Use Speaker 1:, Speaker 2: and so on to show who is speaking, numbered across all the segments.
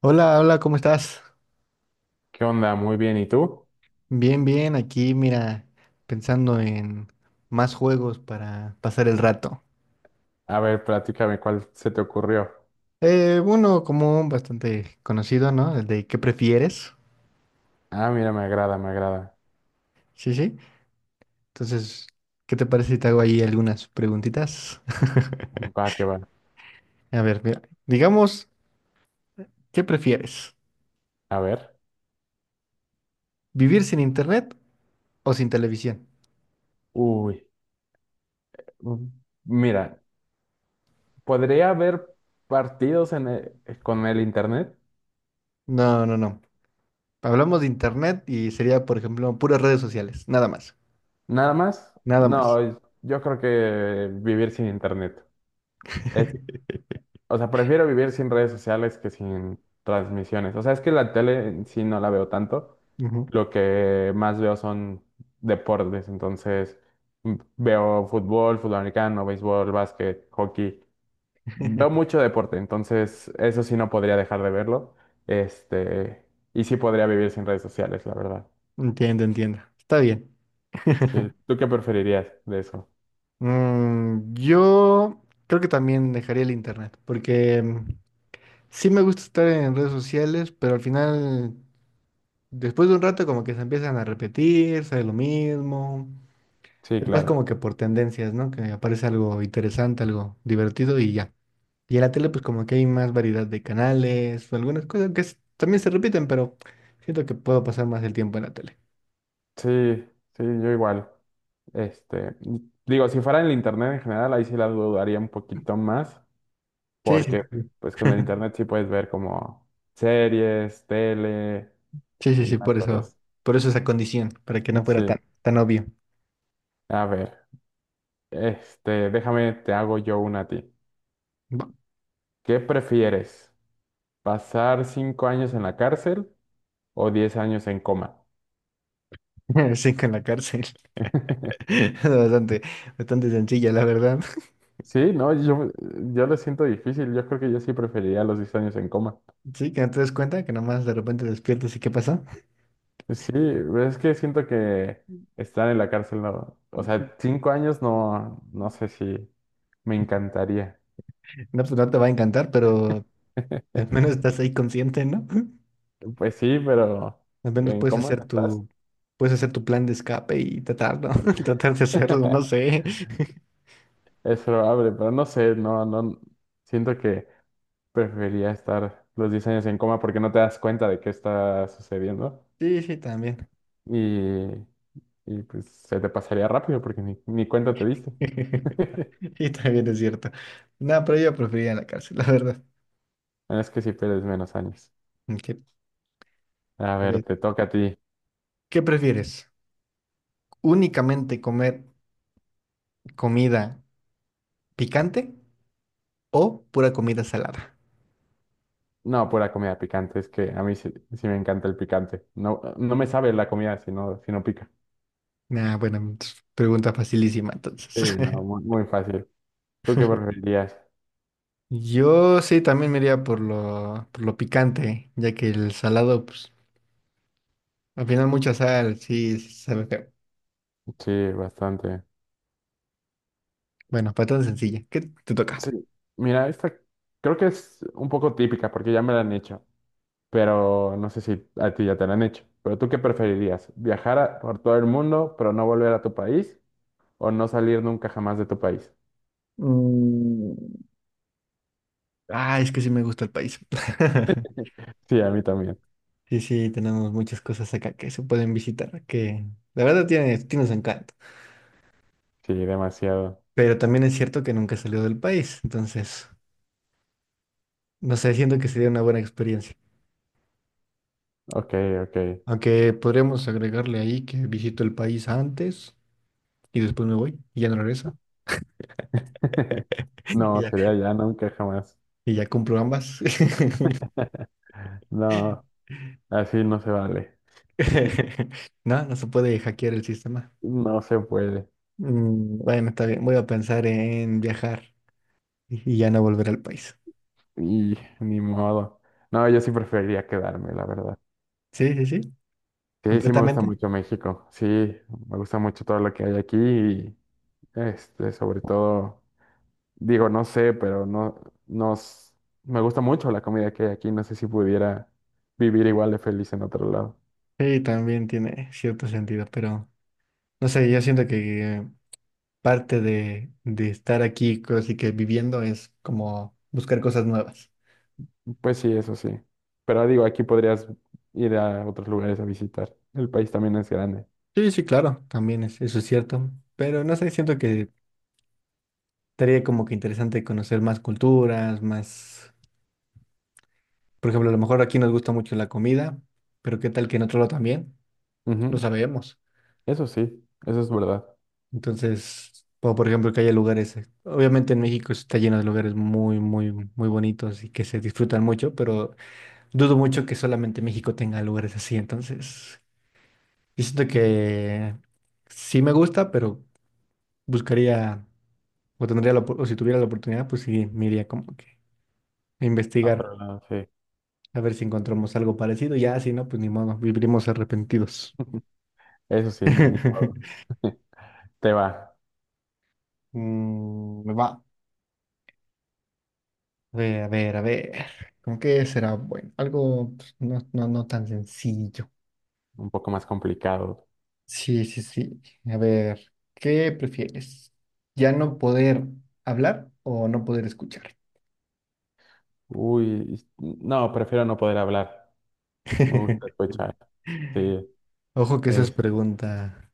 Speaker 1: Hola, hola, ¿cómo estás?
Speaker 2: ¿Qué onda? Muy bien, ¿y tú?
Speaker 1: Bien, bien, aquí mira, pensando en más juegos para pasar el rato.
Speaker 2: A ver, platícame cuál se te ocurrió.
Speaker 1: Uno común, bastante conocido, ¿no? El de ¿qué prefieres?
Speaker 2: Ah, mira, me agrada, me agrada.
Speaker 1: Sí, sí. Entonces, ¿qué te parece si te hago ahí algunas preguntitas?
Speaker 2: Va, que va.
Speaker 1: A ver, mira, digamos, ¿qué prefieres?
Speaker 2: A ver.
Speaker 1: ¿Vivir sin internet o sin televisión?
Speaker 2: Uy, mm, mira, ¿podría haber partidos con el internet?
Speaker 1: No, no, no. Hablamos de internet y sería, por ejemplo, puras redes sociales, nada más,
Speaker 2: ¿Nada más?
Speaker 1: nada más.
Speaker 2: No, yo creo que vivir sin internet. O sea, prefiero vivir sin redes sociales que sin transmisiones. O sea, es que la tele en sí no la veo tanto.
Speaker 1: Ujú.
Speaker 2: Lo que más veo son deportes. Entonces, veo fútbol, fútbol americano, béisbol, básquet, hockey. Veo mucho deporte. Entonces, eso sí no podría dejar de verlo. Este, y sí podría vivir sin redes sociales, la verdad.
Speaker 1: Entiendo, entiendo. Está bien.
Speaker 2: Sí. ¿Tú qué preferirías de eso?
Speaker 1: Yo creo que también dejaría el internet, porque sí me gusta estar en redes sociales, pero al final, después de un rato, como que se empiezan a repetir, sale lo mismo.
Speaker 2: Sí,
Speaker 1: Es más
Speaker 2: claro.
Speaker 1: como que por tendencias, ¿no? Que aparece algo interesante, algo divertido y ya. Y en la tele, pues como que hay más variedad de canales, o algunas cosas que también se repiten, pero siento que puedo pasar más el tiempo en la tele.
Speaker 2: Sí, sí, yo igual. Este, digo, si fuera en el internet en general, ahí sí las dudaría un poquito más,
Speaker 1: Sí, sí,
Speaker 2: porque
Speaker 1: sí.
Speaker 2: pues con el internet sí puedes ver como series, tele
Speaker 1: Sí, sí,
Speaker 2: y
Speaker 1: sí,
Speaker 2: más cosas.
Speaker 1: por eso esa condición, para que no fuera tan,
Speaker 2: Sí,
Speaker 1: tan obvio.
Speaker 2: a ver, este, déjame, te hago yo una a ti.
Speaker 1: Bu-
Speaker 2: ¿Qué prefieres? ¿Pasar 5 años en la cárcel o 10 años en coma?
Speaker 1: Sí, con la cárcel. Es bastante, bastante sencilla, la verdad.
Speaker 2: Sí, no, yo lo siento difícil, yo creo que yo sí preferiría los 10 años en coma.
Speaker 1: Sí, que no te des cuenta, que nomás de repente despiertas y ¿qué pasa?
Speaker 2: Sí, pero es que siento que estar en la cárcel, no, o
Speaker 1: No,
Speaker 2: sea, 5 años no, no sé si me encantaría.
Speaker 1: pues no te va a encantar, pero al menos estás ahí consciente, ¿no?
Speaker 2: Pues sí, pero
Speaker 1: Al menos
Speaker 2: ¿en
Speaker 1: puedes
Speaker 2: cómo
Speaker 1: hacer
Speaker 2: estás?
Speaker 1: tu, Puedes hacer tu plan de escape y tratarlo, tratar de hacerlo, no sé.
Speaker 2: Es probable, pero no sé, no, no, siento que preferiría estar los 10 años en coma porque no te das cuenta de qué está sucediendo
Speaker 1: Sí, sí, también.
Speaker 2: y, y pues se te pasaría rápido porque ni cuenta te diste.
Speaker 1: Y también es cierto. No, pero yo preferiría la cárcel, la verdad.
Speaker 2: Bueno, es que si pierdes menos años.
Speaker 1: Ok,
Speaker 2: A
Speaker 1: a
Speaker 2: ver,
Speaker 1: ver.
Speaker 2: te toca a ti.
Speaker 1: ¿Qué prefieres? ¿Únicamente comer comida picante o pura comida salada?
Speaker 2: No, pura comida picante, es que a mí sí, sí me encanta el picante. No, no me sabe la comida si no pica.
Speaker 1: Ah, bueno, entonces, pregunta facilísima
Speaker 2: Sí,
Speaker 1: entonces.
Speaker 2: no, muy, muy fácil. ¿Tú qué preferirías?
Speaker 1: Yo sí también me iría por lo picante, ya que el salado, pues, al final mucha sal, sí, sí sabe feo.
Speaker 2: Sí, bastante.
Speaker 1: Bueno, para tan sencilla, ¿qué te toca?
Speaker 2: Sí, mira, esta creo que es un poco típica porque ya me la han hecho, pero no sé si a ti ya te la han hecho. Pero ¿tú qué preferirías? ¿Viajar por todo el mundo pero no volver a tu país o no salir nunca jamás de tu país?
Speaker 1: Mm, Ah, es que sí me gusta el país.
Speaker 2: Sí, a mí también.
Speaker 1: Sí, sí, tenemos muchas cosas acá que se pueden visitar, que la verdad tiene su encanto.
Speaker 2: Sí, demasiado.
Speaker 1: Pero también es cierto que nunca salió del país, entonces no sé, siento que sería una buena experiencia.
Speaker 2: Ok, ok.
Speaker 1: Aunque podríamos agregarle ahí que visito el país antes y después me voy y ya no regreso. Y
Speaker 2: No,
Speaker 1: ya,
Speaker 2: sería ya nunca jamás.
Speaker 1: y ya cumplo ambas.
Speaker 2: No. Así no se vale.
Speaker 1: No, no se puede hackear el sistema.
Speaker 2: No se puede.
Speaker 1: Bueno, está bien, voy a pensar en viajar y ya no volver al país.
Speaker 2: Y ni modo. No, yo sí preferiría quedarme, la verdad.
Speaker 1: Sí, sí, sí,
Speaker 2: Sí, sí me gusta
Speaker 1: completamente.
Speaker 2: mucho México. Sí, me gusta mucho todo lo que hay aquí y este, sobre todo, digo, no sé, pero no, nos, me gusta mucho la comida que hay aquí. No sé si pudiera vivir igual de feliz en otro lado.
Speaker 1: Sí, también tiene cierto sentido, pero no sé, yo siento que parte de estar aquí, así que viviendo, es como buscar cosas nuevas.
Speaker 2: Pues sí, eso sí. Pero digo, aquí podrías ir a otros lugares a visitar. El país también es grande.
Speaker 1: Sí, sí, claro, también es, eso es cierto. Pero no sé, siento que estaría como que interesante conocer más culturas, más... Por ejemplo, a lo mejor aquí nos gusta mucho la comida, pero qué tal que en otro lado también, no
Speaker 2: Ujú,
Speaker 1: sabemos.
Speaker 2: eso sí, eso es verdad.
Speaker 1: Entonces, o por ejemplo, que haya lugares, obviamente en México está lleno de lugares muy, muy, muy bonitos y que se disfrutan mucho, pero dudo mucho que solamente México tenga lugares así. Entonces, yo siento que sí me gusta, pero buscaría, o tendría o si tuviera la oportunidad, pues sí, me iría como que a investigar,
Speaker 2: Otro lado, sí.
Speaker 1: a ver si encontramos algo parecido. Ya, si no, pues ni modo, viviremos arrepentidos.
Speaker 2: Eso sí, ni modo. Te va.
Speaker 1: Mm, me va. A ver, a ver, a ver. ¿Con qué será bueno? Algo pues, no, no, no tan sencillo.
Speaker 2: Un poco más complicado.
Speaker 1: Sí, sí, sí. A ver, ¿qué prefieres? ¿Ya no poder hablar o no poder escuchar?
Speaker 2: Uy, no, prefiero no poder hablar. Me gusta escuchar. Sí,
Speaker 1: Ojo que esa es
Speaker 2: es,
Speaker 1: pregunta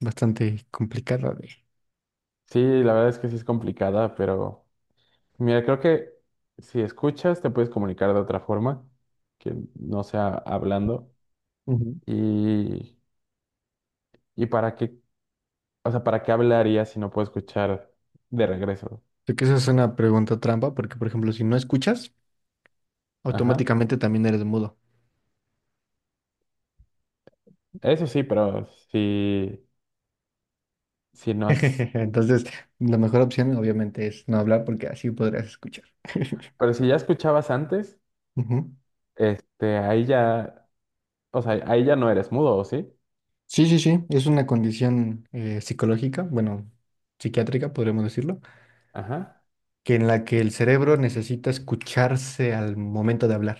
Speaker 1: bastante complicada de...
Speaker 2: sí, la verdad es que sí es complicada, pero mira, creo que si escuchas te puedes comunicar de otra forma, que no sea hablando.
Speaker 1: Ujú.
Speaker 2: Y, y para qué, o sea, ¿para qué hablarías si no puedo escuchar de regreso?
Speaker 1: Sé que esa es una pregunta trampa porque, por ejemplo, si no escuchas,
Speaker 2: Ajá.
Speaker 1: automáticamente también eres mudo.
Speaker 2: Eso sí, si, si no has,
Speaker 1: Entonces, la mejor opción obviamente es no hablar porque así podrás escuchar.
Speaker 2: pero si ya escuchabas antes.
Speaker 1: Ujú.
Speaker 2: Este, ahí ya, o sea, ahí ya no eres mudo, ¿o sí?
Speaker 1: Sí, sí, sí, es una condición psicológica, bueno, psiquiátrica, podríamos decirlo,
Speaker 2: Ajá.
Speaker 1: que en la que el cerebro necesita escucharse al momento de hablar.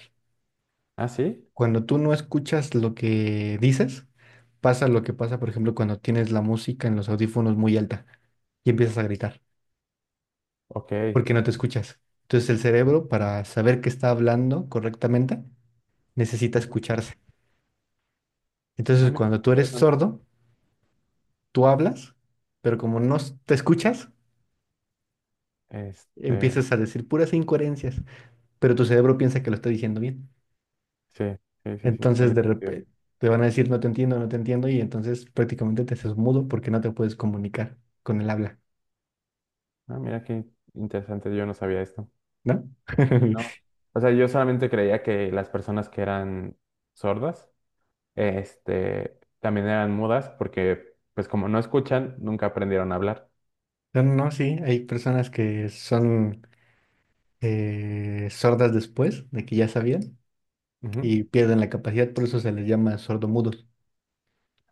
Speaker 2: ¿Ah, sí?
Speaker 1: Cuando tú no escuchas lo que dices, pasa lo que pasa, por ejemplo, cuando tienes la música en los audífonos muy alta y empiezas a gritar
Speaker 2: Ok.
Speaker 1: porque no te escuchas. Entonces el cerebro, para saber que está hablando correctamente, necesita
Speaker 2: Ujú.
Speaker 1: escucharse.
Speaker 2: Ah,
Speaker 1: Entonces
Speaker 2: mira,
Speaker 1: cuando
Speaker 2: qué
Speaker 1: tú eres
Speaker 2: interesante.
Speaker 1: sordo, tú hablas, pero como no s- te escuchas,
Speaker 2: Este,
Speaker 1: empiezas a decir puras incoherencias, pero tu cerebro piensa que lo está diciendo bien.
Speaker 2: sí, sí, sí, sí,
Speaker 1: Entonces
Speaker 2: tiene
Speaker 1: de
Speaker 2: sentido.
Speaker 1: repente te van a decir no te entiendo, no te entiendo y entonces prácticamente te haces mudo porque no te puedes comunicar con el habla.
Speaker 2: Ah, mira qué interesante, yo no sabía esto.
Speaker 1: ¿No?
Speaker 2: No. O sea, yo solamente creía que las personas que eran sordas, este, también eran mudas porque, pues como no escuchan, nunca aprendieron a hablar.
Speaker 1: No, no, sí, hay personas que son sordas después de que ya sabían
Speaker 2: Ujú.
Speaker 1: y pierden la capacidad, por eso se les llama sordomudos.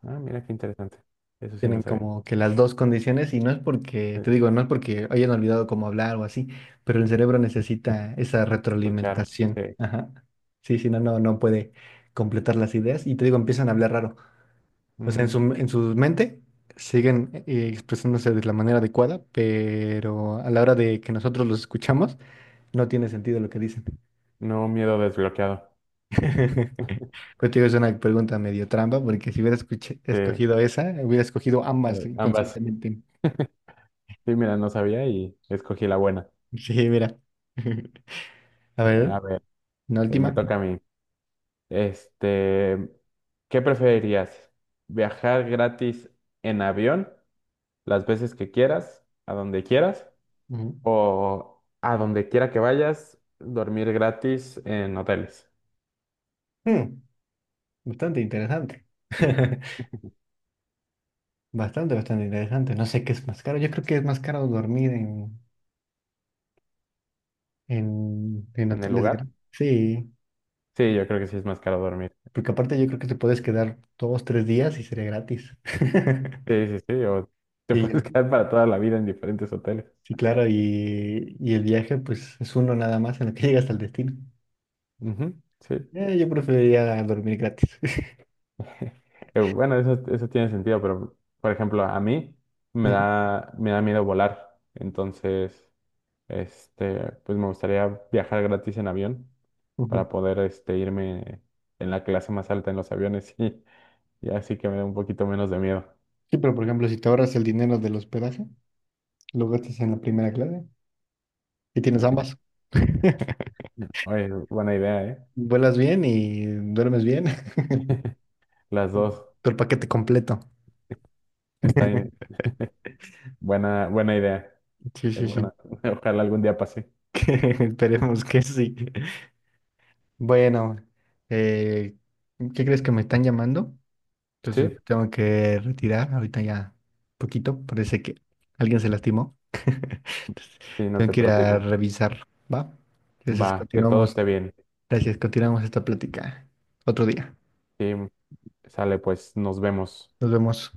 Speaker 2: Ah, mira qué interesante. Eso sí no
Speaker 1: Tienen
Speaker 2: sabía.
Speaker 1: como que las dos condiciones y no es porque, te
Speaker 2: Eh,
Speaker 1: digo, no es porque hayan olvidado cómo hablar o así, pero el cerebro necesita esa
Speaker 2: Escuchar,
Speaker 1: retroalimentación.
Speaker 2: sí.
Speaker 1: Ajá. Sí, si no, no, no puede completar las ideas y te digo, empiezan a hablar raro. O sea,
Speaker 2: Mm,
Speaker 1: en su mente siguen expresándose de la manera adecuada, pero a la hora de que nosotros los escuchamos, no tiene sentido lo que dicen.
Speaker 2: Nuevo miedo desbloqueado.
Speaker 1: Contigo es una pregunta medio trampa, porque si hubiera
Speaker 2: Sí,
Speaker 1: escogido esa, hubiera escogido ambas
Speaker 2: ambas.
Speaker 1: inconscientemente.
Speaker 2: Sí, mira, no sabía y escogí la buena.
Speaker 1: Sí, mira. A ver,
Speaker 2: A ver,
Speaker 1: una
Speaker 2: me
Speaker 1: última.
Speaker 2: toca a mí. Este, ¿qué preferirías? ¿Viajar gratis en avión las veces que quieras, a donde quieras,
Speaker 1: Ujú.
Speaker 2: o a donde quiera que vayas, dormir gratis en hoteles,
Speaker 1: Mm, bastante interesante. Bastante, bastante interesante. No sé qué es más caro. Yo creo que es más caro dormir en
Speaker 2: en el
Speaker 1: hoteles.
Speaker 2: lugar?
Speaker 1: Sí,
Speaker 2: Sí, yo creo que sí es más caro dormir.
Speaker 1: porque aparte yo creo que te puedes quedar dos, tres días y sería gratis.
Speaker 2: Sí, sí, sí, o te puedes
Speaker 1: Y,
Speaker 2: quedar para toda la vida en diferentes hoteles.
Speaker 1: sí, claro, y el viaje pues es uno nada más en el que llegas al destino.
Speaker 2: Ujú, sí.
Speaker 1: Yo preferiría dormir gratis.
Speaker 2: Bueno, eso tiene sentido, pero por ejemplo, a mí me
Speaker 1: Ujú,
Speaker 2: da, me da miedo volar. Entonces, este, pues me gustaría viajar gratis en avión
Speaker 1: ujú.
Speaker 2: para poder este, irme en la clase más alta en los aviones y así que me da un poquito menos de miedo.
Speaker 1: Sí, pero por ejemplo, si te ahorras el dinero del hospedaje, lo gastas en la primera clase y tienes ambas.
Speaker 2: Oye, buena idea, ¿eh?
Speaker 1: Vuelas bien y duermes bien.
Speaker 2: Las dos.
Speaker 1: Todo el paquete completo.
Speaker 2: Está bien. Buena, buena idea.
Speaker 1: Sí, sí, sí.
Speaker 2: Bueno, ojalá algún día pase.
Speaker 1: Esperemos que sí. Bueno, eh, ¿qué crees que me están llamando? Entonces
Speaker 2: ¿Sí?
Speaker 1: me tengo que retirar ahorita ya poquito. Parece que alguien se lastimó.
Speaker 2: Sí, no
Speaker 1: Tengo
Speaker 2: te
Speaker 1: que ir a
Speaker 2: preocupes.
Speaker 1: revisar, ¿va? Entonces
Speaker 2: Va, que todo
Speaker 1: continuamos.
Speaker 2: esté bien.
Speaker 1: Gracias, continuamos esta plática otro día.
Speaker 2: Sí, sale, pues nos vemos.
Speaker 1: Nos vemos.